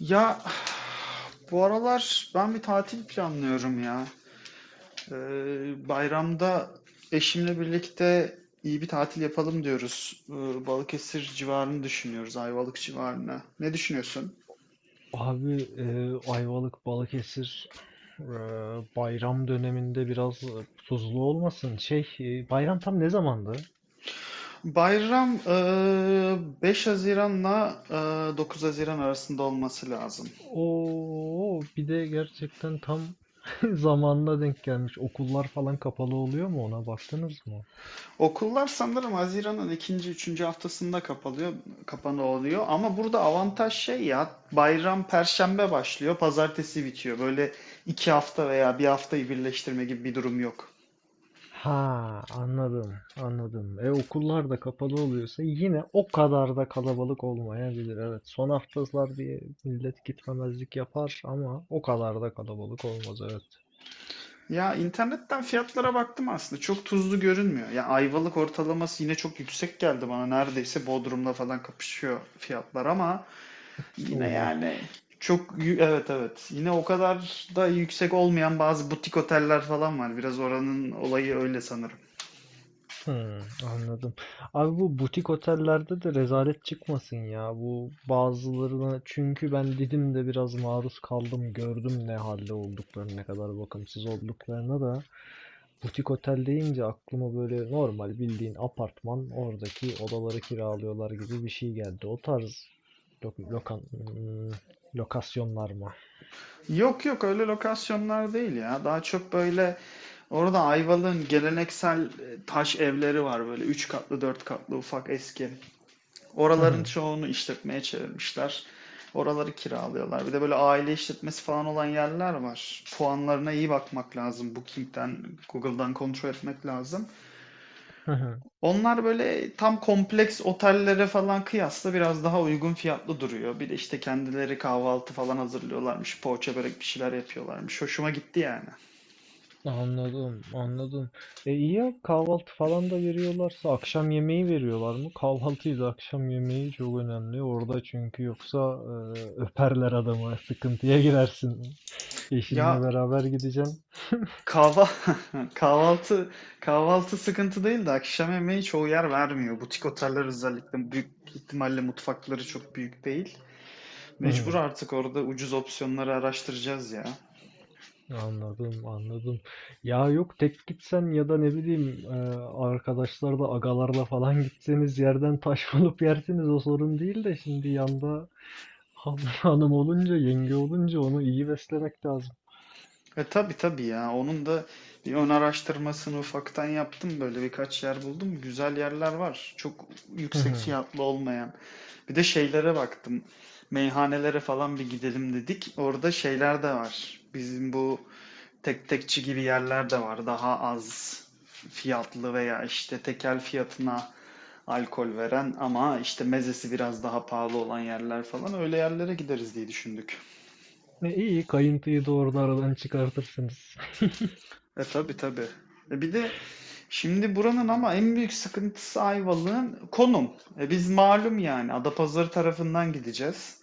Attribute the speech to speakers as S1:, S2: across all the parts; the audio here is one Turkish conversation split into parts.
S1: Ya bu aralar ben bir tatil planlıyorum ya. Bayramda eşimle birlikte iyi bir tatil yapalım diyoruz. Balıkesir civarını düşünüyoruz, Ayvalık civarını. Ne düşünüyorsun?
S2: Abi Ayvalık, Balıkesir, eee, bayram döneminde biraz tuzlu olmasın. Şey, bayram tam ne zamandı?
S1: Bayram 5 Haziran'la 9 Haziran arasında olması lazım.
S2: Oo, bir de gerçekten tam zamanına denk gelmiş. Okullar falan kapalı oluyor mu, ona baktınız mı?
S1: Okullar sanırım Haziran'ın ikinci, üçüncü haftasında kapalıyor, kapanıyor oluyor. Ama burada avantaj şey ya, bayram Perşembe başlıyor, Pazartesi bitiyor. Böyle iki hafta veya bir haftayı birleştirme gibi bir durum yok.
S2: Ha, anladım anladım. E, okullar da kapalı oluyorsa yine o kadar da kalabalık olmayabilir. Evet, son haftalar diye millet gitmemezlik yapar ama o kadar da kalabalık olmaz, evet.
S1: Ya internetten fiyatlara baktım, aslında çok tuzlu görünmüyor. Ya Ayvalık ortalaması yine çok yüksek geldi bana. Neredeyse Bodrum'la falan kapışıyor fiyatlar ama yine
S2: Oha.
S1: yani evet evet, yine o kadar da yüksek olmayan bazı butik oteller falan var. Biraz oranın olayı öyle sanırım.
S2: Hmm, anladım. Abi, bu butik otellerde de rezalet çıkmasın ya. Bu bazılarına, çünkü ben Didim'de biraz maruz kaldım, gördüm ne halde olduklarını, ne kadar bakımsız olduklarını da. Butik otel deyince aklıma böyle normal bildiğin apartman, oradaki odaları kiralıyorlar gibi bir şey geldi. O tarz lokan, hmm, lokasyonlar mı?
S1: Yok yok, öyle lokasyonlar değil ya. Daha çok böyle orada Ayvalık'ın geleneksel taş evleri var, böyle 3 katlı 4 katlı ufak eski.
S2: Hı
S1: Oraların
S2: hı,
S1: çoğunu işletmeye çevirmişler. Oraları kiralıyorlar. Bir de böyle aile işletmesi falan olan yerler var. Puanlarına iyi bakmak lazım. Booking'den, Google'dan kontrol etmek lazım.
S2: hı hı.
S1: Onlar böyle tam kompleks otellere falan kıyasla biraz daha uygun fiyatlı duruyor. Bir de işte kendileri kahvaltı falan hazırlıyorlarmış. Poğaça börek bir şeyler yapıyorlarmış. Hoşuma gitti yani.
S2: Anladım, anladım. E, iyi ya, kahvaltı falan da veriyorlarsa akşam yemeği veriyorlar mı? Kahvaltıyla akşam yemeği çok önemli orada, çünkü yoksa öperler adamı, sıkıntıya girersin. Eşinle
S1: Ya
S2: beraber gideceğim.
S1: kahva kahvaltı kahvaltı sıkıntı değil de akşam yemeği çoğu yer vermiyor. Butik oteller özellikle, büyük ihtimalle mutfakları çok büyük değil. Mecbur
S2: Hı,
S1: artık orada ucuz opsiyonları araştıracağız ya.
S2: anladım, anladım. Ya yok, tek gitsen ya da ne bileyim, arkadaşlarla, agalarla falan gitseniz yerden taş bulup yersiniz, o sorun değil de şimdi yanda hanım olunca, yenge olunca onu iyi beslemek lazım.
S1: E tabii tabii ya. Onun da bir ön araştırmasını ufaktan yaptım. Böyle birkaç yer buldum. Güzel yerler var. Çok
S2: Hı
S1: yüksek
S2: hı.
S1: fiyatlı olmayan. Bir de şeylere baktım. Meyhanelere falan bir gidelim dedik. Orada şeyler de var. Bizim bu tek tekçi gibi yerler de var. Daha az fiyatlı veya işte tekel fiyatına alkol veren ama işte mezesi biraz daha pahalı olan yerler falan. Öyle yerlere gideriz diye düşündük.
S2: E, iyi, kayıntıyı doğru aradan çıkartırsınız.
S1: E tabii tabii. E bir de şimdi buranın ama en büyük sıkıntısı Ayvalık'ın konum. E biz malum yani Adapazarı tarafından gideceğiz.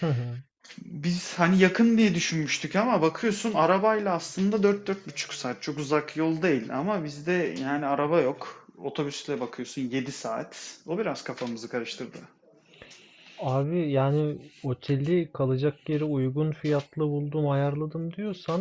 S2: Hı hı.
S1: Biz hani yakın diye düşünmüştük ama bakıyorsun arabayla aslında 4-4,5 saat. Çok uzak yol değil ama bizde yani araba yok. Otobüsle bakıyorsun 7 saat. O biraz kafamızı karıştırdı.
S2: Abi, yani oteli, kalacak yeri uygun fiyatlı buldum ayarladım diyorsan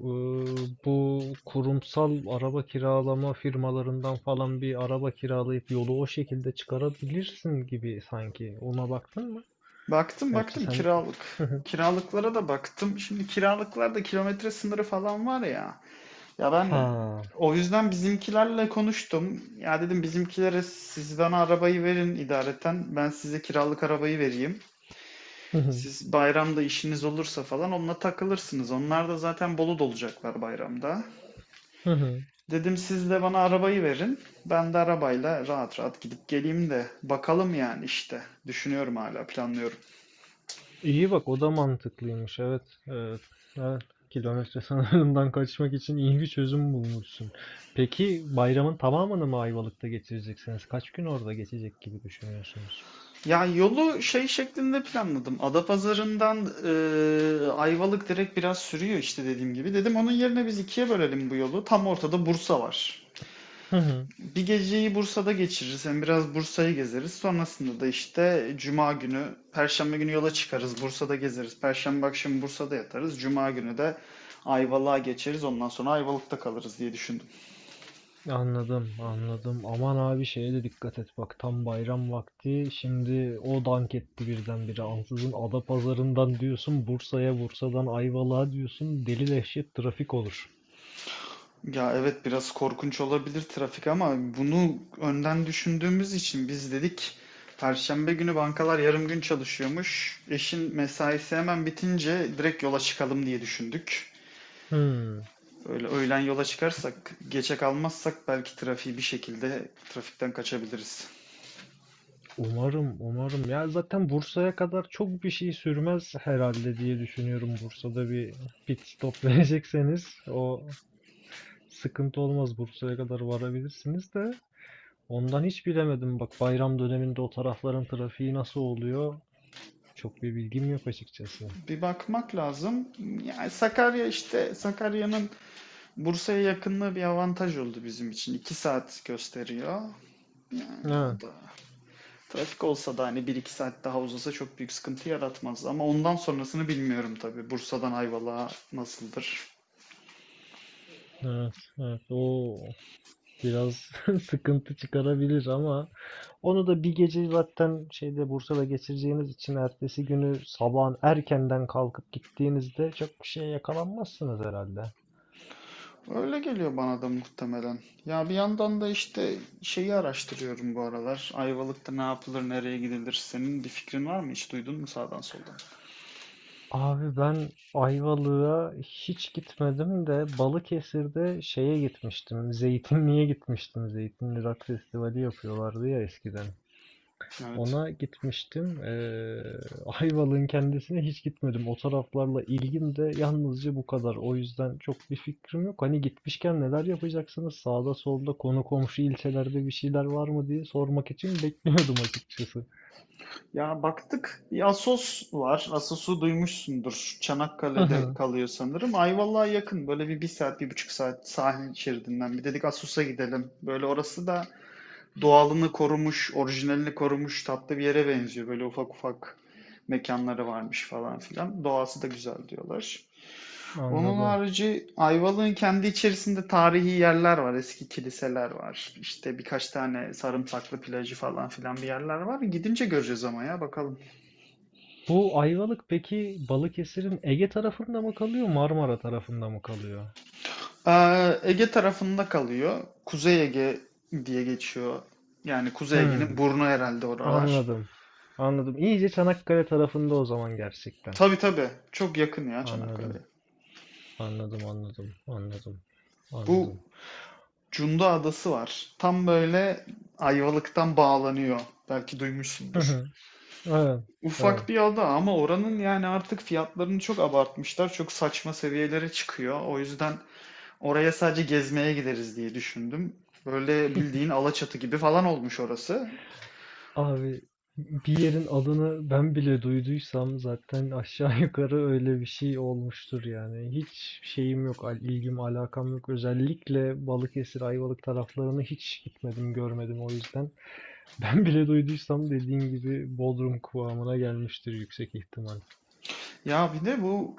S2: bu kurumsal araba kiralama firmalarından falan bir araba kiralayıp yolu o şekilde çıkarabilirsin gibi sanki. Ona baktın mı?
S1: Baktım
S2: Gerçi
S1: baktım
S2: sen...
S1: kiralık. Kiralıklara da baktım. Şimdi kiralıklarda kilometre sınırı falan var ya. Ya ben
S2: Ha.
S1: o yüzden bizimkilerle konuştum. Ya dedim bizimkilere, siz bana arabayı verin idareten. Ben size kiralık arabayı vereyim. Siz bayramda işiniz olursa falan onunla takılırsınız. Onlar da zaten Bolu'da olacaklar bayramda.
S2: Hı hı.
S1: Dedim siz de bana arabayı verin. Ben de arabayla rahat rahat gidip geleyim de bakalım yani işte. Düşünüyorum, hala planlıyorum.
S2: İyi bak, o da mantıklıymış, evet. Evet. Evet. Kilometre sınırından kaçmak için iyi bir çözüm bulmuşsun. Peki bayramın tamamını mı Ayvalık'ta geçireceksiniz? Kaç gün orada geçecek gibi düşünüyorsunuz?
S1: Ya yolu şey şeklinde planladım. Adapazarı'ndan Ayvalık direkt biraz sürüyor işte dediğim gibi. Dedim onun yerine biz ikiye bölelim bu yolu. Tam ortada Bursa var.
S2: Hı hı.
S1: Bir geceyi Bursa'da geçiririz. Hem biraz Bursa'yı gezeriz. Sonrasında da işte Cuma günü, Perşembe günü yola çıkarız. Bursa'da gezeriz. Perşembe akşamı Bursa'da yatarız. Cuma günü de Ayvalık'a geçeriz. Ondan sonra Ayvalık'ta kalırız diye düşündüm.
S2: Anladım, anladım. Aman abi, şeye de dikkat et bak, tam bayram vakti. Şimdi o dank etti birdenbire. Ansızın Adapazarı'ndan diyorsun Bursa'ya, Bursa'dan Ayvalık'a diyorsun. Deli dehşet trafik olur.
S1: Ya evet, biraz korkunç olabilir trafik ama bunu önden düşündüğümüz için biz dedik Perşembe günü bankalar yarım gün çalışıyormuş. Eşin mesaisi hemen bitince direkt yola çıkalım diye düşündük.
S2: Hmm.
S1: Öyle öğlen yola çıkarsak, geçe kalmazsak belki trafiği bir şekilde trafikten kaçabiliriz.
S2: Umarım, umarım. Ya zaten Bursa'ya kadar çok bir şey sürmez herhalde diye düşünüyorum. Bursa'da bir pit stop verecekseniz o sıkıntı olmaz. Bursa'ya kadar varabilirsiniz de. Ondan hiç bilemedim. Bak, bayram döneminde o tarafların trafiği nasıl oluyor? Çok bir bilgim yok açıkçası.
S1: Bir bakmak lazım. Yani Sakarya, işte Sakarya'nın Bursa'ya yakınlığı bir avantaj oldu bizim için. İki saat gösteriyor. O
S2: Evet,
S1: da trafik olsa da hani bir iki saat daha uzasa çok büyük sıkıntı yaratmaz. Ama ondan sonrasını bilmiyorum tabii. Bursa'dan Ayvalık'a nasıldır?
S2: evet, evet. O biraz sıkıntı çıkarabilir ama onu da bir gece zaten şeyde, Bursa'da geçireceğiniz için ertesi günü sabahın erkenden kalkıp gittiğinizde çok bir şeye yakalanmazsınız herhalde.
S1: Öyle geliyor bana da muhtemelen. Ya bir yandan da işte şeyi araştırıyorum bu aralar. Ayvalık'ta ne yapılır, nereye gidilir? Senin bir fikrin var mı? Hiç duydun mu sağdan soldan?
S2: Abi, ben Ayvalık'a hiç gitmedim de Balıkesir'de şeye gitmiştim. Zeytinli'ye gitmiştim. Zeytinli Rock Festivali yapıyorlardı ya eskiden.
S1: Evet.
S2: Ona gitmiştim. Ayvalık'ın kendisine hiç gitmedim. O taraflarla ilgim de yalnızca bu kadar. O yüzden çok bir fikrim yok. Hani gitmişken neler yapacaksınız? Sağda solda konu komşu ilçelerde bir şeyler var mı diye sormak için bekliyordum açıkçası.
S1: Ya baktık. Bir Assos var. Assos'u duymuşsundur.
S2: Hı
S1: Çanakkale'de
S2: hı,
S1: kalıyor sanırım. Ayvalık'a yakın. Böyle bir, bir saat, bir buçuk saat sahil şeridinden. Bir dedik Assos'a gidelim. Böyle orası da doğalını korumuş, orijinalini korumuş, tatlı bir yere benziyor. Böyle ufak ufak mekanları varmış falan filan. Doğası da güzel diyorlar. Onun
S2: anladım.
S1: harici Ayvalık'ın kendi içerisinde tarihi yerler var. Eski kiliseler var. İşte birkaç tane sarımsaklı plajı falan filan bir yerler var. Gidince göreceğiz ama ya bakalım.
S2: Bu Ayvalık peki Balıkesir'in Ege tarafında mı kalıyor, Marmara tarafında mı kalıyor?
S1: Ege tarafında kalıyor. Kuzey Ege diye geçiyor. Yani Kuzey Ege'nin
S2: Hmm,
S1: burnu herhalde oralar.
S2: anladım. Anladım. İyice Çanakkale tarafında o zaman gerçekten.
S1: Tabii tabii. Çok yakın ya
S2: Anladım.
S1: Çanakkale'ye.
S2: Anladım, anladım, anladım,
S1: Bu
S2: anladım.
S1: Cunda Adası var. Tam böyle Ayvalık'tan bağlanıyor. Belki
S2: Hı
S1: duymuşsundur.
S2: hı, evet, evet.
S1: Ufak bir ada ama oranın yani artık fiyatlarını çok abartmışlar. Çok saçma seviyelere çıkıyor. O yüzden oraya sadece gezmeye gideriz diye düşündüm. Böyle bildiğin Alaçatı gibi falan olmuş orası.
S2: Abi, bir yerin adını ben bile duyduysam zaten aşağı yukarı öyle bir şey olmuştur yani. Hiç şeyim yok, ilgim, alakam yok. Özellikle Balıkesir, Ayvalık taraflarını hiç gitmedim, görmedim o yüzden. Ben bile duyduysam, dediğin gibi, Bodrum kıvamına gelmiştir yüksek ihtimal.
S1: Ya bir de bu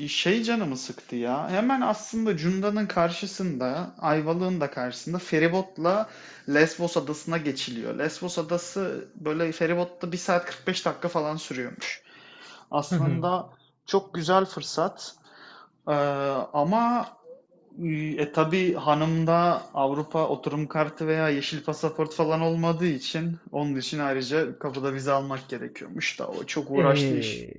S1: şey canımı sıktı ya. Hemen aslında Cunda'nın karşısında, Ayvalık'ın da karşısında feribotla Lesbos adasına geçiliyor. Lesbos adası böyle feribotta bir saat 45 dakika falan sürüyormuş. Aslında çok güzel fırsat. Ee, ama e, tabii hanımda Avrupa oturum kartı veya yeşil pasaport falan olmadığı için onun için ayrıca kapıda vize almak gerekiyormuş da o çok uğraşlı iş.
S2: Eee,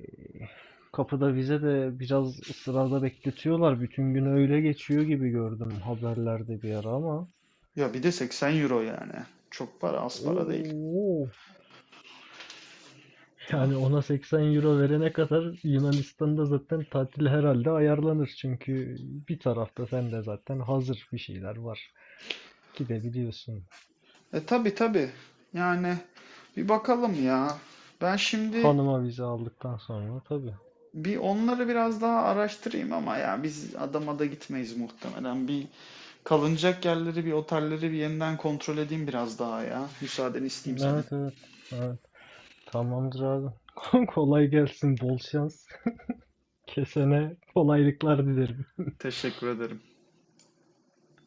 S2: kapıda bize de biraz sırada bekletiyorlar. Bütün gün öyle geçiyor gibi gördüm haberlerde bir ara ama.
S1: Ya bir de 80 euro yani. Çok para, az para değil.
S2: Oo,
S1: Da-
S2: yani ona 80 euro verene kadar Yunanistan'da zaten tatil herhalde ayarlanır. Çünkü bir tarafta sen de zaten hazır bir şeyler var. Gidebiliyorsun.
S1: E tabi tabi. Yani bir bakalım ya. Ben şimdi
S2: Hanıma vize aldıktan sonra tabii.
S1: bir onları biraz daha araştırayım ama ya biz adama da gitmeyiz muhtemelen. Bir kalınacak yerleri, bir otelleri bir yeniden kontrol edeyim biraz daha ya. Müsaadeni isteyeyim senin.
S2: Evet evet. Evet. Tamamdır abi. Kolay gelsin, bol şans. Kesene kolaylıklar dilerim.
S1: Teşekkür ederim.